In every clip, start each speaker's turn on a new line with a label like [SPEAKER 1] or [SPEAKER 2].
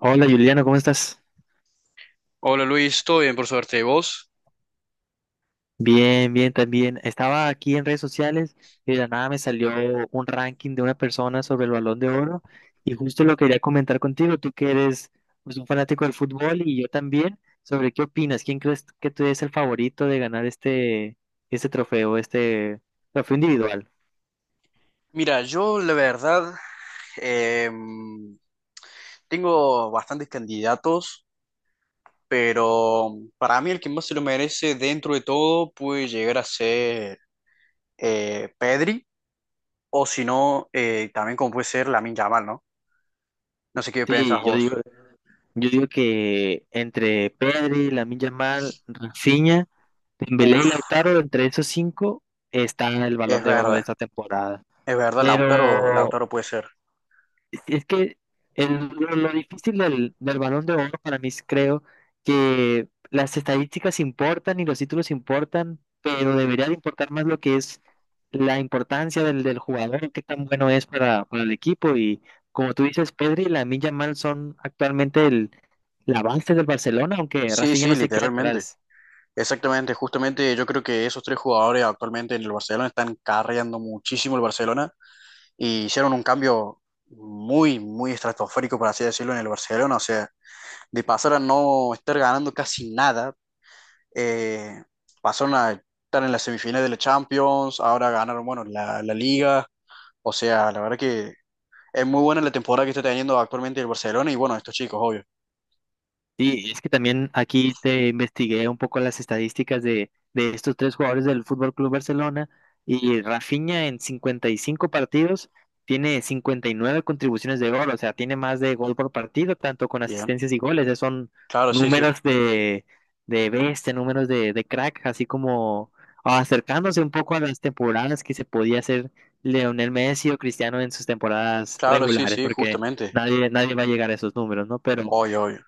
[SPEAKER 1] Hola Juliano, ¿cómo estás?
[SPEAKER 2] Hola Luis, todo bien por suerte. ¿Y vos?
[SPEAKER 1] Bien, bien, también. Estaba aquí en redes sociales y de la nada me salió un ranking de una persona sobre el Balón de Oro y justo lo quería comentar contigo, tú que eres pues, un fanático del fútbol y yo también, sobre qué opinas, quién crees que tú eres el favorito de ganar este trofeo, este trofeo individual.
[SPEAKER 2] Mira, yo la verdad em, tengo bastantes candidatos, pero para mí el que más se lo merece dentro de todo puede llegar a ser Pedri, o si no, también como puede ser Lamine Yamal, ¿no? No sé qué pensás
[SPEAKER 1] Sí,
[SPEAKER 2] vos.
[SPEAKER 1] yo digo que entre Pedri, Lamine Yamal, Rafinha, Dembélé y
[SPEAKER 2] Uf,
[SPEAKER 1] Lautaro, entre esos cinco está el Balón
[SPEAKER 2] es
[SPEAKER 1] de Oro de
[SPEAKER 2] verdad,
[SPEAKER 1] esta temporada.
[SPEAKER 2] es verdad, Lautaro,
[SPEAKER 1] Pero
[SPEAKER 2] Lautaro puede ser.
[SPEAKER 1] si es que lo difícil del Balón de Oro para mí es, creo que las estadísticas importan y los títulos importan, pero debería de importar más lo que es la importancia del jugador, qué tan bueno es para el equipo. Y como tú dices, Pedri y Lamine Yamal son actualmente la base del Barcelona, aunque
[SPEAKER 2] Sí,
[SPEAKER 1] Rafinha
[SPEAKER 2] sí,
[SPEAKER 1] no se queda
[SPEAKER 2] literalmente.
[SPEAKER 1] atrás.
[SPEAKER 2] Exactamente, justamente yo creo que esos tres jugadores actualmente en el Barcelona están carreando muchísimo el Barcelona y hicieron un cambio muy, muy estratosférico, por así decirlo, en el Barcelona. O sea, de pasar a no estar ganando casi nada, eh, pasaron a estar en la semifinal de la Champions, ahora ganaron, bueno, la Liga. O sea, la verdad que es muy buena la temporada que está teniendo actualmente el Barcelona y bueno, estos chicos, obvio.
[SPEAKER 1] Sí, es que también aquí te investigué un poco las estadísticas de estos tres jugadores del Fútbol Club Barcelona y Rafinha en 55 partidos tiene 59 contribuciones de gol, o sea, tiene más de gol por partido, tanto con
[SPEAKER 2] Bien.
[SPEAKER 1] asistencias y goles. Esos son
[SPEAKER 2] Claro, sí, sí.
[SPEAKER 1] números de bestia, números de crack, así como acercándose un poco a las temporadas que se podía hacer Leonel Messi o Cristiano en sus temporadas
[SPEAKER 2] Claro, sí,
[SPEAKER 1] regulares,
[SPEAKER 2] sí,
[SPEAKER 1] porque
[SPEAKER 2] justamente.
[SPEAKER 1] nadie va a llegar a esos números, ¿no? Pero.
[SPEAKER 2] Obvio, obvio.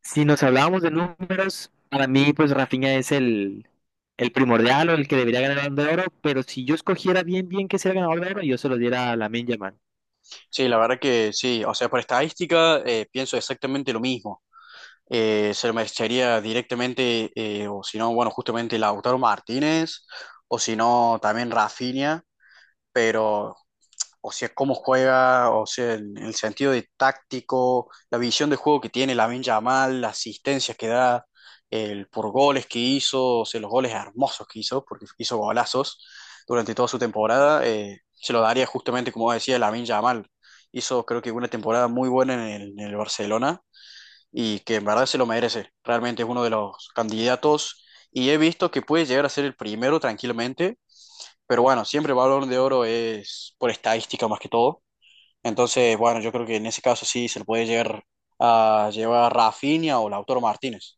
[SPEAKER 1] Si nos hablábamos de números, para mí, pues Rafinha es el primordial o el que debería ganar el Balón de Oro, pero si yo escogiera bien, bien que sea el ganador de oro, yo se lo diera a Lamine Yamal.
[SPEAKER 2] Sí, la verdad que sí. O sea, por estadística pienso exactamente lo mismo. Se lo merecería directamente, o si no, bueno, justamente Lautaro Martínez, o si no, también Rafinha, pero, o sea, cómo juega, o sea, en el sentido de táctico, la visión de juego que tiene Lamine Yamal, las asistencias que da, el por goles que hizo, o sea, los goles hermosos que hizo, porque hizo golazos durante toda su temporada, se lo daría justamente, como decía, Lamine Yamal. Hizo, creo que, una temporada muy buena en el Barcelona y que en verdad se lo merece. Realmente es uno de los candidatos y he visto que puede llegar a ser el primero tranquilamente, pero bueno, siempre el Balón de Oro es por estadística más que todo. Entonces, bueno, yo creo que en ese caso sí se lo puede llegar a llevar Rafinha o Lautaro Martínez.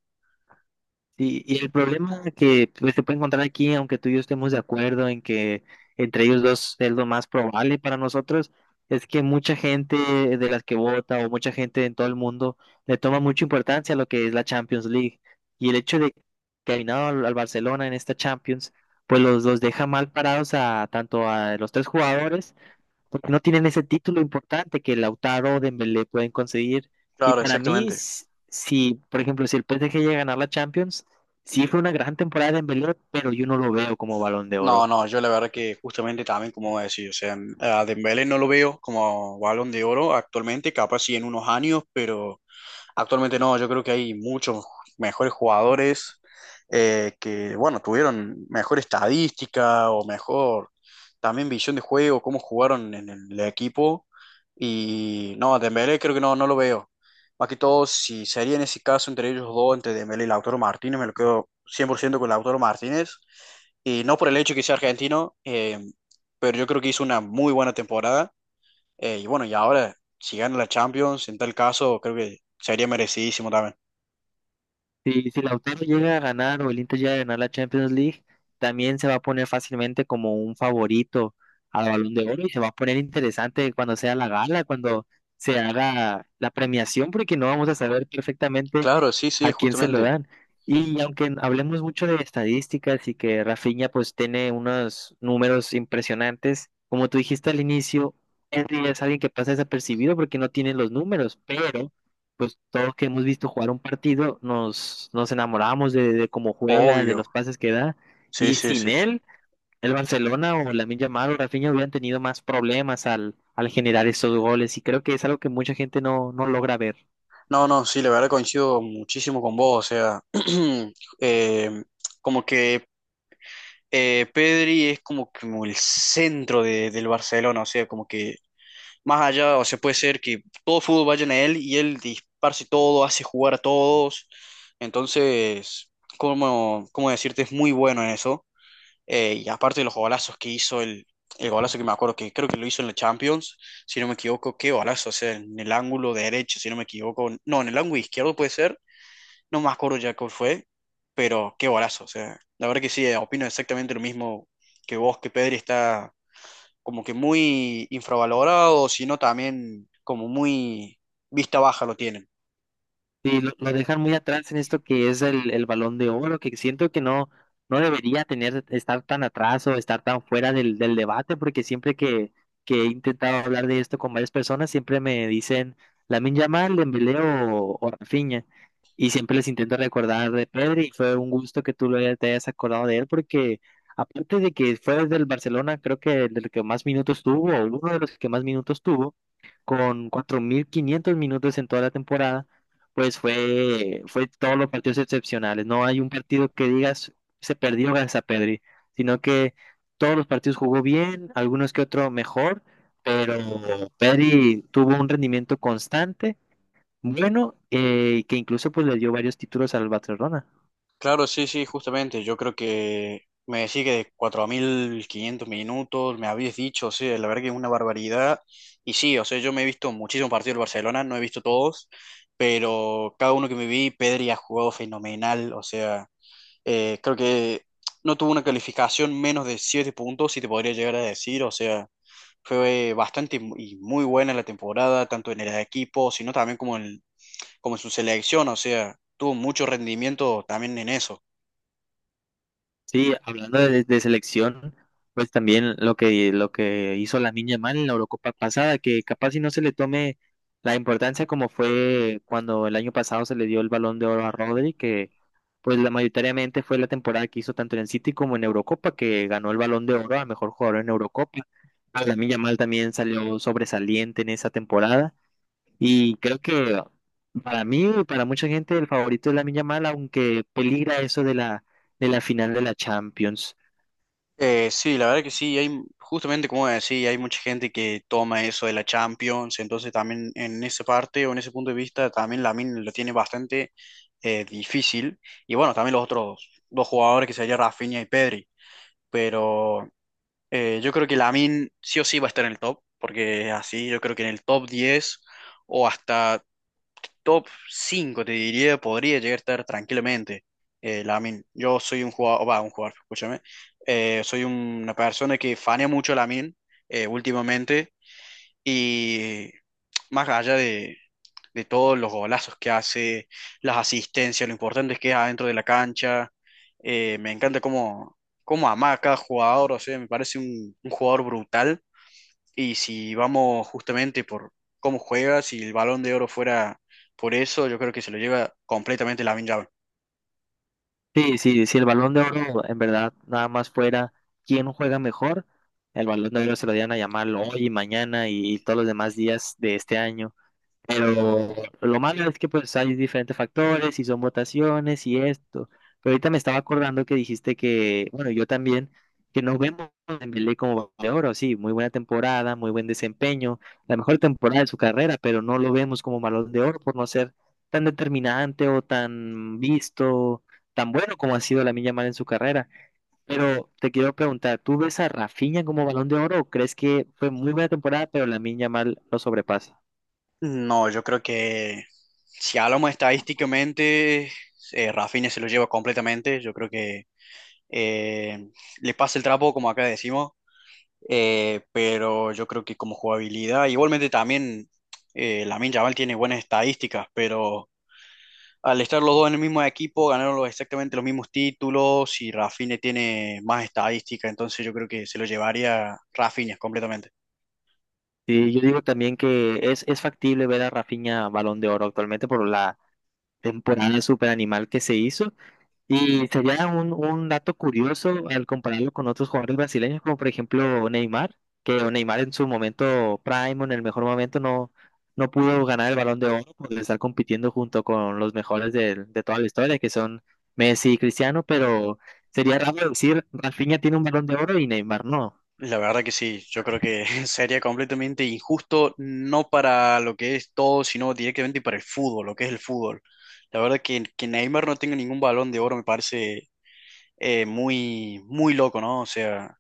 [SPEAKER 1] Sí, y el problema que pues, se puede encontrar aquí, aunque tú y yo estemos de acuerdo en que entre ellos dos es lo más probable para nosotros, es que mucha gente de las que vota o mucha gente en todo el mundo le toma mucha importancia a lo que es la Champions League. Y el hecho de que ha eliminado al Barcelona en esta Champions, pues los deja mal parados a tanto a los tres jugadores porque no tienen ese título importante que Lautaro o Dembélé pueden conseguir. Y
[SPEAKER 2] Claro,
[SPEAKER 1] para mí,
[SPEAKER 2] exactamente.
[SPEAKER 1] si, por ejemplo, si el PSG llega a ganar la Champions, sí fue una gran temporada de Dembélé, pero yo no lo veo como Balón de
[SPEAKER 2] No,
[SPEAKER 1] Oro.
[SPEAKER 2] no, yo la verdad que justamente también, como decía, o sea, a Dembélé no lo veo como Balón de Oro actualmente, capaz sí en unos años, pero actualmente no, yo creo que hay muchos mejores jugadores que, bueno, tuvieron mejor estadística o mejor también visión de juego, cómo jugaron en el equipo. Y no, a Dembélé creo que no, no lo veo. Más que todo, si sería en ese caso entre ellos dos, entre Dembélé y Lautaro Martínez, me lo quedo 100% con Lautaro Martínez. Y no por el hecho de que sea argentino, pero yo creo que hizo una muy buena temporada y bueno, y ahora, si gana la Champions, en tal caso, creo que sería merecidísimo también.
[SPEAKER 1] Si, si Lautaro llega a ganar o el Inter llega a ganar la Champions League, también se va a poner fácilmente como un favorito al Balón de Oro y se va a poner interesante cuando sea la gala, cuando se haga la premiación, porque no vamos a saber perfectamente
[SPEAKER 2] Claro, sí, sí,
[SPEAKER 1] a quién se lo
[SPEAKER 2] justamente.
[SPEAKER 1] dan. Y aunque hablemos mucho de estadísticas y que Rafinha pues tiene unos números impresionantes, como tú dijiste al inicio, Henry es alguien que pasa desapercibido porque no tiene los números, pero pues todos que hemos visto jugar un partido, nos enamoramos de cómo juega, de
[SPEAKER 2] Obvio.
[SPEAKER 1] los pases que da,
[SPEAKER 2] Sí,
[SPEAKER 1] y
[SPEAKER 2] sí, sí.
[SPEAKER 1] sin él, el Barcelona o Lamine Yamal o Rafinha hubieran tenido más problemas al generar esos goles, y creo que es algo que mucha gente no logra ver.
[SPEAKER 2] No, no, sí, la verdad coincido muchísimo con vos. O sea, eh, como que Pedri es como, que como el centro del Barcelona. O sea, como que más allá, o sea, puede ser que todo fútbol vaya en él y él disparce todo, hace jugar a todos. Entonces, ¿cómo decirte? Es muy bueno en eso. Y aparte de los golazos que hizo, el golazo que me acuerdo que creo que lo hizo en la Champions, si no me equivoco, qué golazo, o sea, en el ángulo derecho, si no me equivoco, no, en el ángulo izquierdo puede ser, no me acuerdo ya cuál fue, pero qué golazo, o sea, la verdad que sí, opino exactamente lo mismo que vos, que Pedri está como que muy infravalorado, sino también como muy vista baja lo tienen.
[SPEAKER 1] Sí, lo dejan muy atrás en esto que es el Balón de Oro, que siento que no debería tener, estar tan atrás o estar tan fuera del debate, porque siempre que he intentado hablar de esto con varias personas, siempre me dicen Lamine Yamal, Dembélé o Rafinha, y siempre les intento recordar de Pedri, y fue un gusto que tú lo te hayas acordado de él, porque aparte de que fue del Barcelona, creo que del que más minutos tuvo, o uno de los que más minutos tuvo, con 4500 minutos en toda la temporada, pues fue, fue todos los partidos excepcionales. No hay un partido que digas se perdió gracias a Pedri, sino que todos los partidos jugó bien, algunos que otro mejor, pero Pedri tuvo un rendimiento constante, bueno, que incluso pues le dio varios títulos al Barcelona.
[SPEAKER 2] Claro, sí, sí, justamente. Yo creo que me decís que de 4.500 minutos, me habías dicho, o sea, la verdad que es una barbaridad. Y sí, o sea, yo me he visto muchísimos partidos del Barcelona, no he visto todos, pero cada uno que me vi, Pedri ha jugado fenomenal. O sea, creo que no tuvo una calificación menos de 7 puntos, si te podría llegar a decir. O sea, fue bastante y muy buena la temporada, tanto en el equipo, sino también como como en su selección. O sea, tuvo mucho rendimiento también en eso.
[SPEAKER 1] Sí, hablando de selección, pues también lo que hizo la niña mal en la Eurocopa pasada, que capaz si no se le tome la importancia como fue cuando el año pasado se le dio el Balón de Oro a Rodri, que pues la mayoritariamente fue la temporada que hizo tanto en el City como en Eurocopa, que ganó el Balón de Oro a mejor jugador en Eurocopa. La niña mal también salió sobresaliente en esa temporada. Y creo que para mí y para mucha gente el favorito es Lamine Yamal, aunque peligra eso de de la final de la Champions.
[SPEAKER 2] Sí, la verdad que sí, hay justamente como decía, hay mucha gente que toma eso de la Champions, entonces también en esa parte o en ese punto de vista también Lamine lo tiene bastante difícil y bueno, también los otros dos jugadores que serían Rafinha y Pedri, pero yo creo que Lamine sí o sí va a estar en el top, porque así yo creo que en el top 10 o hasta top 5 te diría, podría llegar a estar tranquilamente. Lamine, yo soy un jugador, va, un jugador, escúchame. Soy una persona que fanea mucho a Lamine últimamente y más allá de todos los golazos que hace, las asistencias, lo importante es que es adentro de la cancha. Me encanta cómo ama a cada jugador, o sea, me parece un jugador brutal. Y si vamos justamente por cómo juega, si el Balón de Oro fuera por eso, yo creo que se lo lleva completamente Lamine Yamal.
[SPEAKER 1] Sí, sí, si el Balón de Oro en verdad nada más fuera quién juega mejor, el Balón de Oro se lo dieran a Yamal hoy y mañana y todos los demás días de este año. Pero lo malo es que pues hay diferentes factores y son votaciones y esto. Pero ahorita me estaba acordando que dijiste que, bueno, yo también, que nos vemos en Dembélé como Balón de oro, sí, muy buena temporada, muy buen desempeño, la mejor temporada de su carrera, pero no lo vemos como Balón de oro por no ser tan determinante o tan visto, tan bueno como ha sido la Yamal en su carrera. Pero te quiero preguntar, ¿tú ves a Rafinha como Balón de oro o crees que fue muy buena temporada, pero la Yamal lo sobrepasa?
[SPEAKER 2] No, yo creo que si hablamos estadísticamente, Rafinha se lo lleva completamente. Yo creo que eh, le pasa el trapo, como acá decimos, pero yo creo que como jugabilidad, igualmente también Lamine Yamal tiene buenas estadísticas, pero al estar los dos en el mismo equipo, ganaron exactamente los mismos títulos y Rafinha tiene más estadística, entonces yo creo que se lo llevaría Rafinha completamente.
[SPEAKER 1] Sí, yo digo también que es factible ver a Rafinha Balón de Oro actualmente por la temporada super animal que se hizo. Y sería un dato curioso al compararlo con otros jugadores brasileños, como por ejemplo Neymar, que Neymar en su momento prime, o en el mejor momento, no pudo ganar el Balón de Oro por estar compitiendo junto con los mejores de toda la historia, que son Messi y Cristiano, pero sería raro decir Rafinha tiene un Balón de Oro y Neymar no.
[SPEAKER 2] La verdad que sí, yo creo que sería completamente injusto, no para lo que es todo, sino directamente para el fútbol, lo que es el fútbol. La verdad que Neymar no tenga ningún balón de oro me parece muy, muy loco, ¿no? O sea,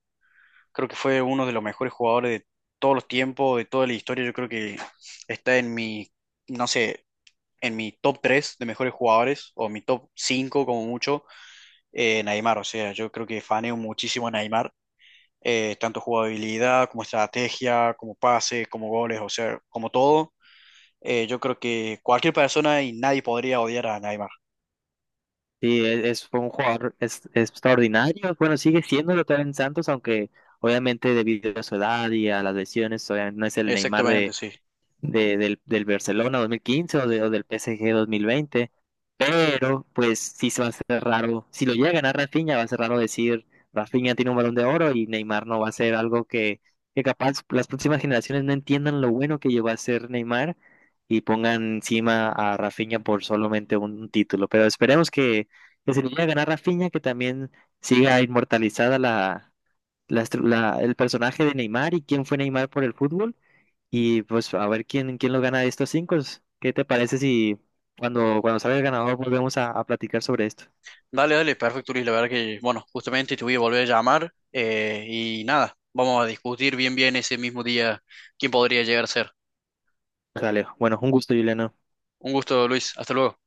[SPEAKER 2] creo que fue uno de los mejores jugadores de todos los tiempos, de toda la historia. Yo creo que está en mi, no sé, en mi top 3 de mejores jugadores, o mi top 5 como mucho, Neymar. O sea, yo creo que faneo muchísimo a Neymar. Tanto jugabilidad como estrategia, como pase, como goles, o sea, como todo. Yo creo que cualquier persona y nadie podría odiar a Neymar.
[SPEAKER 1] Sí, fue un jugador extraordinario. Bueno, sigue siendo lo en Santos, aunque obviamente debido a su edad y a las lesiones, obviamente no es el Neymar
[SPEAKER 2] Exactamente, sí.
[SPEAKER 1] del Barcelona 2015 o del PSG 2020, pero pues sí se va a hacer raro, si lo llega a ganar Rafinha, va a ser raro decir Rafinha tiene un balón de oro y Neymar no va a ser algo que capaz las próximas generaciones no entiendan lo bueno que llegó a ser Neymar y pongan encima a Rafinha por solamente un título, pero esperemos que se lo llega a ganar Rafinha, que también siga inmortalizada la la el personaje de Neymar y quién fue Neymar por el fútbol y pues a ver quién lo gana de estos cinco. ¿Qué te parece si cuando salga el ganador volvemos a platicar sobre esto?
[SPEAKER 2] Dale, dale, perfecto, Luis. La verdad que, bueno, justamente te voy a volver a llamar y nada, vamos a discutir bien, bien ese mismo día quién podría llegar a ser.
[SPEAKER 1] Pues, Alejo. Bueno, un gusto, Juliano.
[SPEAKER 2] Un gusto, Luis. Hasta luego.